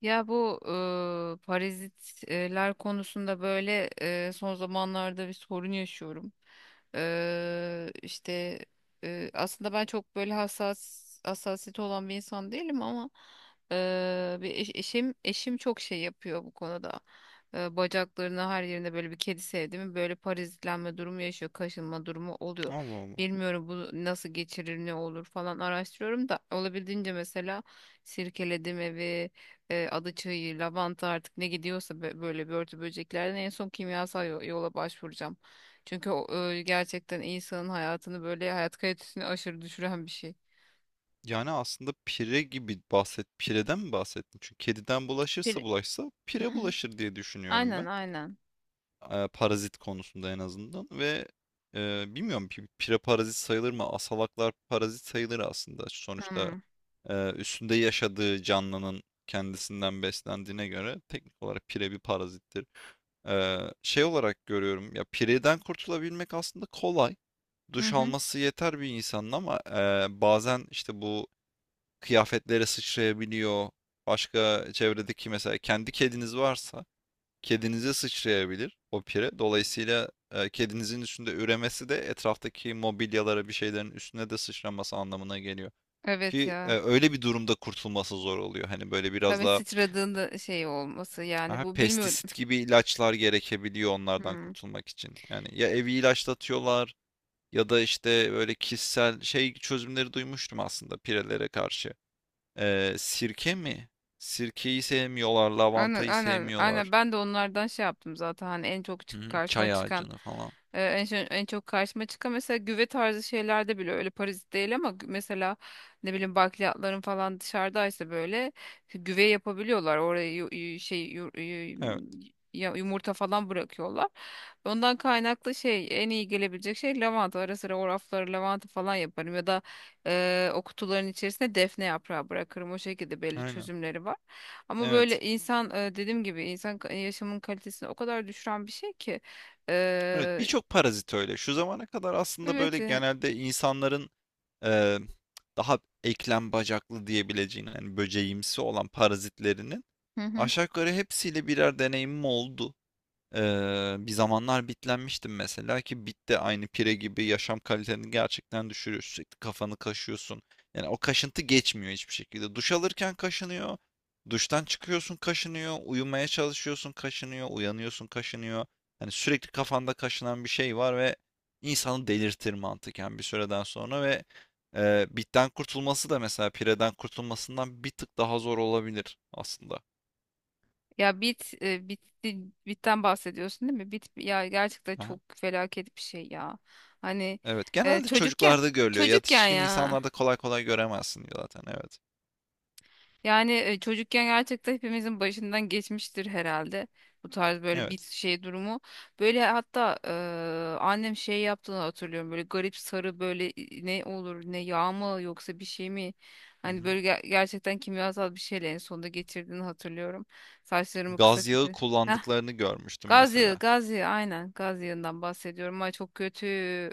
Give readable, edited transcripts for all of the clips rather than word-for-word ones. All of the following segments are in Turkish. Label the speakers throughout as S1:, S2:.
S1: Ya bu parazitler konusunda böyle son zamanlarda bir sorun yaşıyorum. E, işte aslında ben çok böyle hassas hassasiyeti olan bir insan değilim ama bir eşim çok şey yapıyor bu konuda. Bacaklarına her yerine böyle bir kedi sevdi mi böyle parazitlenme durumu yaşıyor, kaşınma durumu oluyor.
S2: Allah Allah.
S1: Bilmiyorum bu nasıl geçirir, ne olur falan araştırıyorum da olabildiğince mesela sirkeledim evi, adaçayı, lavanta, artık ne gidiyorsa böyle börtü böceklerden en son kimyasal yola başvuracağım. Çünkü o, gerçekten insanın hayatını böyle hayat kalitesini aşırı düşüren bir şey.
S2: Yani aslında pireden mi bahsettin? Çünkü kediden bulaşırsa
S1: Bir...
S2: bulaşsa pire bulaşır diye düşünüyorum
S1: Aynen,
S2: ben.
S1: aynen.
S2: Parazit konusunda en azından ve bilmiyorum pire parazit sayılır mı? Asalaklar parazit sayılır aslında. Sonuçta
S1: Hmm.
S2: üstünde yaşadığı canlının kendisinden beslendiğine göre teknik olarak pire bir parazittir. Ee, Şey olarak görüyorum ya, pireden kurtulabilmek aslında kolay.
S1: Hı
S2: Duş
S1: hı.
S2: alması yeter bir insanın, ama bazen işte bu kıyafetlere sıçrayabiliyor. Başka çevredeki mesela kendi kediniz varsa kedinize sıçrayabilir o pire. Dolayısıyla kedinizin üstünde üremesi de etraftaki mobilyalara, bir şeylerin üstüne de sıçraması anlamına geliyor.
S1: Evet
S2: Ki
S1: ya.
S2: öyle bir durumda kurtulması zor oluyor. Hani böyle biraz
S1: Tabii
S2: daha
S1: sıçradığında şey olması, yani
S2: aha,
S1: bu bilmiyorum.
S2: pestisit gibi ilaçlar gerekebiliyor onlardan
S1: Hmm.
S2: kurtulmak için. Yani ya evi ilaçlatıyorlar ya da işte böyle kişisel şey çözümleri duymuştum aslında pirelere karşı. Sirke mi? Sirkeyi sevmiyorlar,
S1: Aynen,
S2: lavantayı
S1: aynen,
S2: sevmiyorlar.
S1: aynen, ben de onlardan şey yaptım zaten, hani en çok
S2: Hı hı,
S1: karşıma
S2: çay
S1: çıkan
S2: ağacını falan.
S1: en çok karşıma çıkan mesela güve tarzı şeylerde bile, öyle parazit değil ama mesela ne bileyim bakliyatların falan dışarıdaysa böyle güve yapabiliyorlar oraya,
S2: Evet,
S1: yumurta falan bırakıyorlar. Ondan kaynaklı şey, en iyi gelebilecek şey lavanta, ara sıra o rafları lavanta falan yaparım ya da o kutuların içerisine defne yaprağı bırakırım, o şekilde belli
S2: aynen.
S1: çözümleri var. Ama böyle
S2: Evet.
S1: insan, dediğim gibi insan yaşamın kalitesini o kadar düşüren bir şey ki.
S2: Evet,
S1: Eee,
S2: birçok parazit öyle. Şu zamana kadar aslında böyle
S1: evet.
S2: genelde insanların e, daha eklem bacaklı diyebileceğin, yani böceğimsi olan parazitlerinin
S1: Hı hı.
S2: aşağı yukarı hepsiyle birer deneyimim oldu. Bir zamanlar bitlenmiştim mesela, ki bit de aynı pire gibi yaşam kaliteni gerçekten düşürüyor. Sürekli kafanı kaşıyorsun. Yani o kaşıntı geçmiyor hiçbir şekilde. Duş alırken kaşınıyor. Duştan çıkıyorsun, kaşınıyor. Uyumaya çalışıyorsun, kaşınıyor. Uyanıyorsun, kaşınıyor. Yani sürekli kafanda kaşınan bir şey var ve insanı delirtir mantıken bir süreden sonra. Ve bitten kurtulması da mesela pireden kurtulmasından bir tık daha zor olabilir aslında.
S1: Ya bit, e, bitti bitten bahsediyorsun değil mi? Bit ya, gerçekten
S2: Aha.
S1: çok felaket bir şey ya. Hani
S2: Evet,
S1: e,
S2: genelde
S1: çocukken
S2: çocuklarda görülüyor.
S1: çocukken
S2: Yetişkin
S1: ya.
S2: insanlarda kolay kolay göremezsin zaten. Evet.
S1: Yani çocukken gerçekten hepimizin başından geçmiştir herhalde bu tarz böyle bir
S2: Evet.
S1: şey durumu. Böyle hatta annem şey yaptığını hatırlıyorum, böyle garip sarı böyle, ne olur, ne yağ mı yoksa bir şey mi?
S2: Hı
S1: Hani
S2: hı.
S1: böyle gerçekten kimyasal bir şeyle en sonunda geçirdiğini hatırlıyorum. Saçlarımı kısa
S2: Gaz yağı
S1: kesti. Heh,
S2: kullandıklarını görmüştüm
S1: gaz
S2: mesela.
S1: yağı, gaz yağı, aynen gaz yağından bahsediyorum. Ay çok kötü,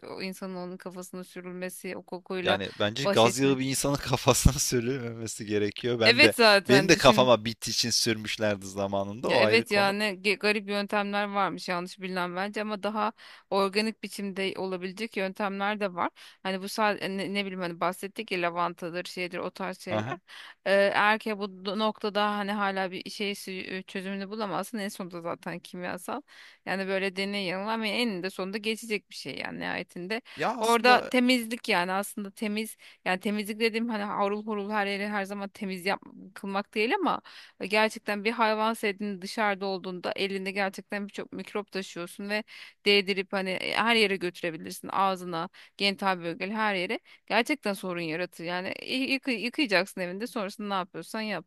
S1: o insanın onun kafasına sürülmesi, o kokuyla
S2: Yani bence
S1: baş
S2: gaz yağı bir
S1: etmek.
S2: insanın kafasına sürülmemesi gerekiyor. Ben
S1: Evet
S2: de benim
S1: zaten
S2: de
S1: düşün.
S2: kafama bittiği için sürmüşlerdi zamanında.
S1: Ya
S2: O ayrı
S1: evet ya,
S2: konu.
S1: ne garip yöntemler varmış yanlış bilinen bence, ama daha organik biçimde olabilecek yöntemler de var. Hani bu sadece ne, ne bileyim, hani bahsettik ya, lavantadır şeydir, o tarz şeyler.
S2: Aha.
S1: Eğer ki bu noktada hani hala bir şey çözümünü bulamazsın en sonunda, zaten kimyasal. Yani böyle deney yanılma, ama eninde sonunda geçecek bir şey yani nihayetinde.
S2: Ya
S1: Orada
S2: aslında
S1: temizlik, yani aslında yani temizlik dediğim, hani harul hurul her yeri her zaman temiz yap kılmak değil ama, ve gerçekten bir hayvan sevdiğin dışarıda olduğunda elinde gerçekten birçok mikrop taşıyorsun ve değdirip hani, her yere götürebilirsin. Ağzına, genital bölgeli her yere. Gerçekten sorun yaratır. Yani yıkayacaksın evinde, sonrasında ne yapıyorsan yap.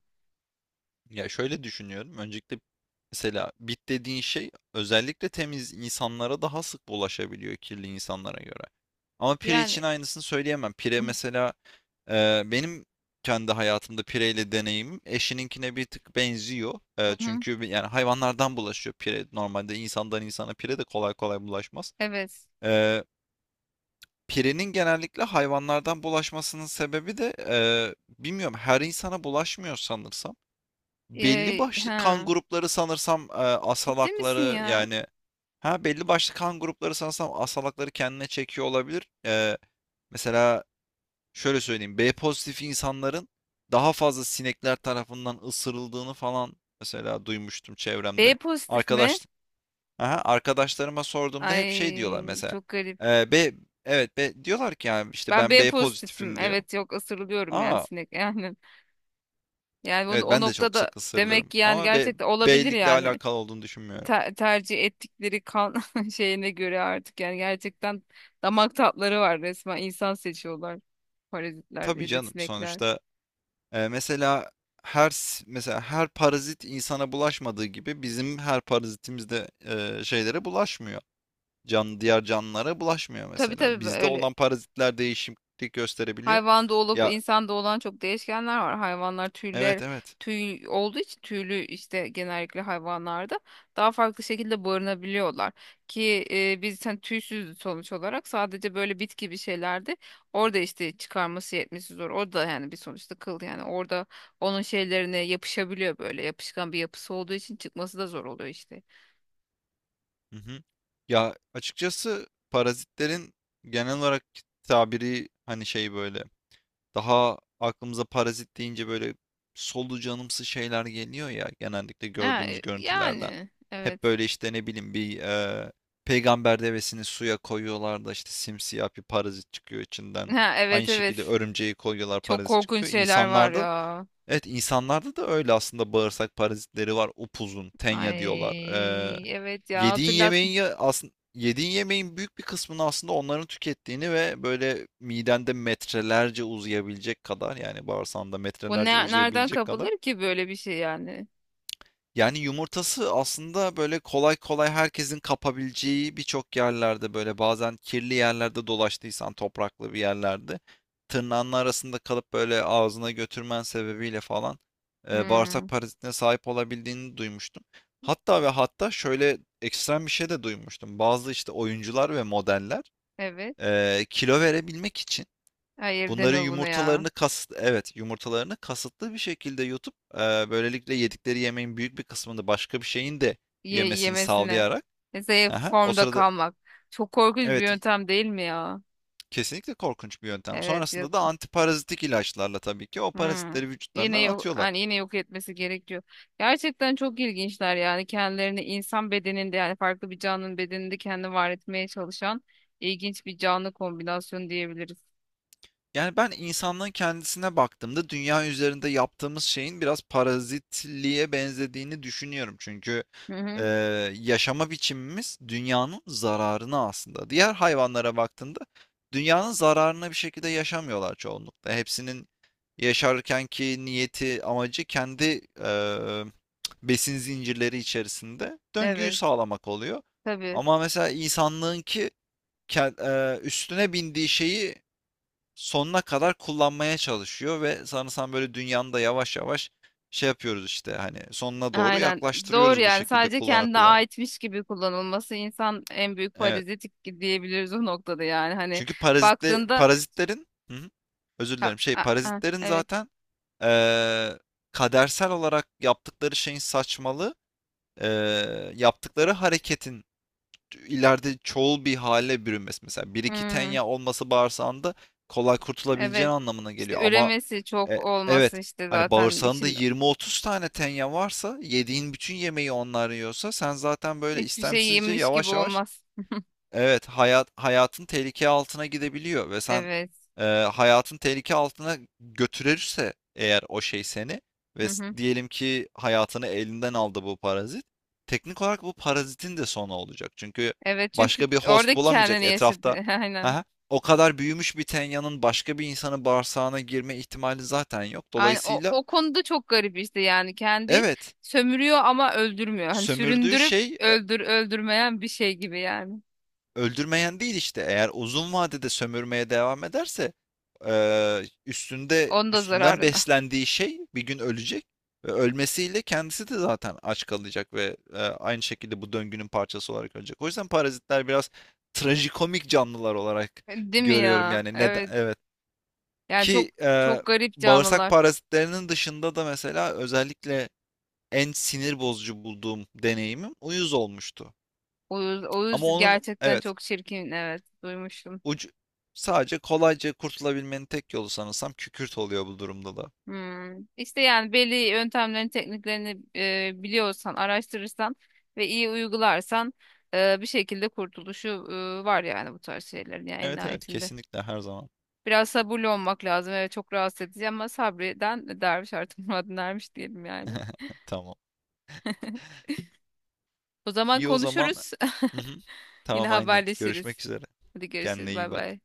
S2: Ya şöyle düşünüyorum. Öncelikle mesela bit dediğin şey özellikle temiz insanlara daha sık bulaşabiliyor kirli insanlara göre. Ama pire
S1: Yani
S2: için aynısını söyleyemem. Pire mesela benim kendi hayatımda pireyle deneyimim eşininkine bir tık benziyor.
S1: Hı hı.
S2: Çünkü yani hayvanlardan bulaşıyor pire. Normalde insandan insana pire de kolay kolay bulaşmaz.
S1: Evet.
S2: E, Pirenin genellikle hayvanlardan bulaşmasının sebebi de bilmiyorum, her insana bulaşmıyor sanırsam. Belli
S1: Ee,
S2: başlı kan
S1: ha.
S2: grupları sanırsam,
S1: Ciddi misin
S2: asalakları
S1: ya?
S2: yani. Ha, belli başlı kan grupları sanırsam asalakları kendine çekiyor olabilir. Mesela şöyle söyleyeyim. B pozitif insanların daha fazla sinekler tarafından ısırıldığını falan mesela duymuştum
S1: B
S2: çevremde.
S1: pozitif mi?
S2: Arkadaş Aha, arkadaşlarıma sorduğumda hep şey diyorlar
S1: Ay
S2: mesela.
S1: çok garip.
S2: B, evet, B diyorlar ki, yani işte
S1: Ben
S2: ben
S1: B
S2: B
S1: pozitifim.
S2: pozitifim diyor.
S1: Evet yok, ısırılıyorum yani
S2: Aa,
S1: sinek yani. Yani o,
S2: evet,
S1: o
S2: ben de çok
S1: noktada
S2: sık
S1: demek
S2: ısırılırım
S1: ki yani
S2: ama B
S1: gerçekten olabilir
S2: B'likle
S1: yani.
S2: alakalı olduğunu düşünmüyorum.
S1: Tercih ettikleri kan şeyine göre artık yani, gerçekten damak tatları var, resmen insan seçiyorlar parazitler
S2: Tabii
S1: ya da
S2: canım,
S1: sinekler.
S2: sonuçta mesela mesela her parazit insana bulaşmadığı gibi bizim her parazitimiz de şeylere bulaşmıyor. Can diğer canlılara bulaşmıyor
S1: Tabii
S2: mesela.
S1: tabii
S2: Bizde
S1: böyle,
S2: olan parazitler değişiklik gösterebiliyor.
S1: hayvan da olup
S2: Ya,
S1: insan da olan çok değişkenler var. Hayvanlar
S2: evet evet.
S1: tüy olduğu için tüylü işte, genellikle hayvanlarda daha farklı şekilde barınabiliyorlar. Ki biz hani tüysüz sonuç olarak, sadece böyle bitki bir şeylerde orada işte çıkarması yetmesi zor. Orada yani bir sonuçta kıl, yani orada onun şeylerine yapışabiliyor, böyle yapışkan bir yapısı olduğu için çıkması da zor oluyor işte.
S2: Hı hı. Ya, açıkçası parazitlerin genel olarak tabiri hani şey, böyle daha aklımıza parazit deyince böyle solucanımsı şeyler geliyor ya, genellikle
S1: Ha,
S2: gördüğümüz görüntülerden.
S1: yani
S2: Hep
S1: evet.
S2: böyle işte ne bileyim, bir peygamber devesini suya koyuyorlar da işte simsiyah bir parazit çıkıyor içinden.
S1: Ha,
S2: Aynı
S1: evet evet.
S2: şekilde örümceği koyuyorlar,
S1: Çok
S2: parazit
S1: korkunç
S2: çıkıyor.
S1: şeyler var
S2: İnsanlarda,
S1: ya.
S2: evet, insanlarda da öyle aslında. Bağırsak parazitleri var, upuzun, tenya diyorlar.
S1: Ay evet ya,
S2: Yediğin
S1: hatırlat.
S2: yemeğin, ya aslında yediğin yemeğin büyük bir kısmını aslında onların tükettiğini ve böyle midende metrelerce uzayabilecek kadar, yani bağırsağında
S1: Bu
S2: metrelerce
S1: ne, nereden
S2: uzayabilecek kadar,
S1: kapılır ki böyle bir şey yani?
S2: yani yumurtası aslında böyle kolay kolay herkesin kapabileceği birçok yerlerde, böyle bazen kirli yerlerde dolaştıysan, topraklı bir yerlerde tırnağının arasında kalıp böyle ağzına götürmen sebebiyle falan
S1: Hmm,
S2: bağırsak parazitine sahip olabildiğini duymuştum. Hatta ve hatta şöyle ekstrem bir şey de duymuştum. Bazı işte oyuncular ve modeller
S1: evet.
S2: kilo verebilmek için
S1: Hayır
S2: bunların
S1: deme bunu ya.
S2: yumurtalarını evet, yumurtalarını kasıtlı bir şekilde yutup böylelikle yedikleri yemeğin büyük bir kısmını başka bir şeyin de
S1: Ye,
S2: yemesini
S1: yemesine.
S2: sağlayarak
S1: Mesela
S2: aha, o
S1: formda
S2: sırada,
S1: kalmak. Çok korkunç bir
S2: evet,
S1: yöntem değil mi ya?
S2: kesinlikle korkunç bir yöntem.
S1: Evet yok.
S2: Sonrasında da antiparazitik ilaçlarla tabii ki o
S1: Hmm.
S2: parazitleri
S1: Yine
S2: vücutlarından
S1: yok,
S2: atıyorlar.
S1: hani yine yok etmesi gerekiyor. Gerçekten çok ilginçler, yani kendilerini insan bedeninde, yani farklı bir canlının bedeninde kendini var etmeye çalışan ilginç bir canlı kombinasyonu diyebiliriz.
S2: Yani ben insanlığın kendisine baktığımda dünya üzerinde yaptığımız şeyin biraz parazitliğe benzediğini düşünüyorum. Çünkü
S1: Hı
S2: e,
S1: hı.
S2: yaşama biçimimiz dünyanın zararına aslında. Diğer hayvanlara baktığında dünyanın zararına bir şekilde yaşamıyorlar çoğunlukla. Hepsinin yaşarkenki niyeti, amacı kendi besin zincirleri içerisinde döngüyü
S1: Evet
S2: sağlamak oluyor.
S1: tabii.
S2: Ama mesela insanlığınki ke- üstüne bindiği şeyi sonuna kadar kullanmaya çalışıyor ve sanırsam böyle dünyanın da yavaş yavaş şey yapıyoruz işte, hani sonuna doğru
S1: Aynen. Doğru,
S2: yaklaştırıyoruz bu
S1: yani
S2: şekilde
S1: sadece
S2: kullana
S1: kendine
S2: kullana.
S1: aitmiş gibi kullanılması, insan en büyük
S2: Evet.
S1: parazit diyebiliriz o noktada yani. Hani
S2: Çünkü parazitle
S1: baktığında,
S2: Parazitlerin hı hı, özür
S1: ha,
S2: dilerim, şey, parazitlerin
S1: evet.
S2: zaten eee, kadersel olarak yaptıkları şeyin saçmalığı, yaptıkları hareketin ileride çoğul bir hale bürünmesi. Mesela bir iki
S1: Hmm,
S2: tenya olması bağırsağında kolay kurtulabileceğin
S1: evet.
S2: anlamına
S1: İşte
S2: geliyor ama
S1: üremesi çok
S2: E,
S1: olması
S2: evet.
S1: işte
S2: Hani
S1: zaten
S2: bağırsağında
S1: için
S2: 20-30 tane tenya varsa, yediğin bütün yemeği onlar yiyorsa, sen zaten böyle
S1: hiçbir şey
S2: istemsizce
S1: yemiş gibi
S2: yavaş yavaş,
S1: olmaz.
S2: evet, hayatın tehlike altına gidebiliyor. Ve sen,
S1: Evet.
S2: eee, hayatın tehlike altına götürürse eğer o şey seni, ve
S1: Hı hı.
S2: diyelim ki hayatını elinden aldı bu parazit. Teknik olarak bu parazitin de sonu olacak. Çünkü
S1: Evet çünkü
S2: başka bir host
S1: orada
S2: bulamayacak
S1: kendini yaşadı.
S2: etrafta.
S1: Aynen.
S2: Aha, o kadar büyümüş bir tenyanın başka bir insanın bağırsağına girme ihtimali zaten yok.
S1: Aynen. O,
S2: Dolayısıyla
S1: o konuda çok garip işte, yani kendi
S2: evet,
S1: sömürüyor ama öldürmüyor. Hani
S2: sömürdüğü
S1: süründürüp
S2: şey
S1: öldürmeyen bir şey gibi yani.
S2: öldürmeyen değil işte. Eğer uzun vadede sömürmeye devam ederse
S1: Onun da
S2: üstünden
S1: zararına.
S2: beslendiği şey bir gün ölecek ve ölmesiyle kendisi de zaten aç kalacak ve aynı şekilde bu döngünün parçası olarak ölecek. O yüzden parazitler biraz trajikomik canlılar olarak
S1: Değil mi
S2: görüyorum
S1: ya?
S2: yani, neden,
S1: Evet.
S2: evet
S1: Yani çok
S2: ki
S1: çok garip
S2: bağırsak
S1: canlılar.
S2: parazitlerinin dışında da mesela özellikle en sinir bozucu bulduğum deneyimim uyuz olmuştu.
S1: Oğuz,
S2: Ama
S1: Oğuz
S2: onun,
S1: gerçekten
S2: evet,
S1: çok çirkin. Evet, duymuştum.
S2: ucu, sadece kolayca kurtulabilmenin tek yolu sanırsam kükürt oluyor bu durumda da.
S1: Hmm. İşte yani belli yöntemlerini, tekniklerini biliyorsan, araştırırsan ve iyi uygularsan bir şekilde kurtuluşu var yani bu tarz şeylerin yani, en
S2: Evet evet,
S1: nihayetinde.
S2: kesinlikle her zaman.
S1: Biraz sabırlı olmak lazım. Evet çok rahatsız edici ama, sabreden derviş artık muradına ermiş diyelim yani.
S2: Tamam.
S1: O zaman
S2: İyi o zaman.
S1: konuşuruz.
S2: Hı hı.
S1: Yine
S2: Tamam aynen. Görüşmek
S1: haberleşiriz.
S2: üzere.
S1: Hadi görüşürüz.
S2: Kendine
S1: Bay
S2: iyi bak.
S1: bay.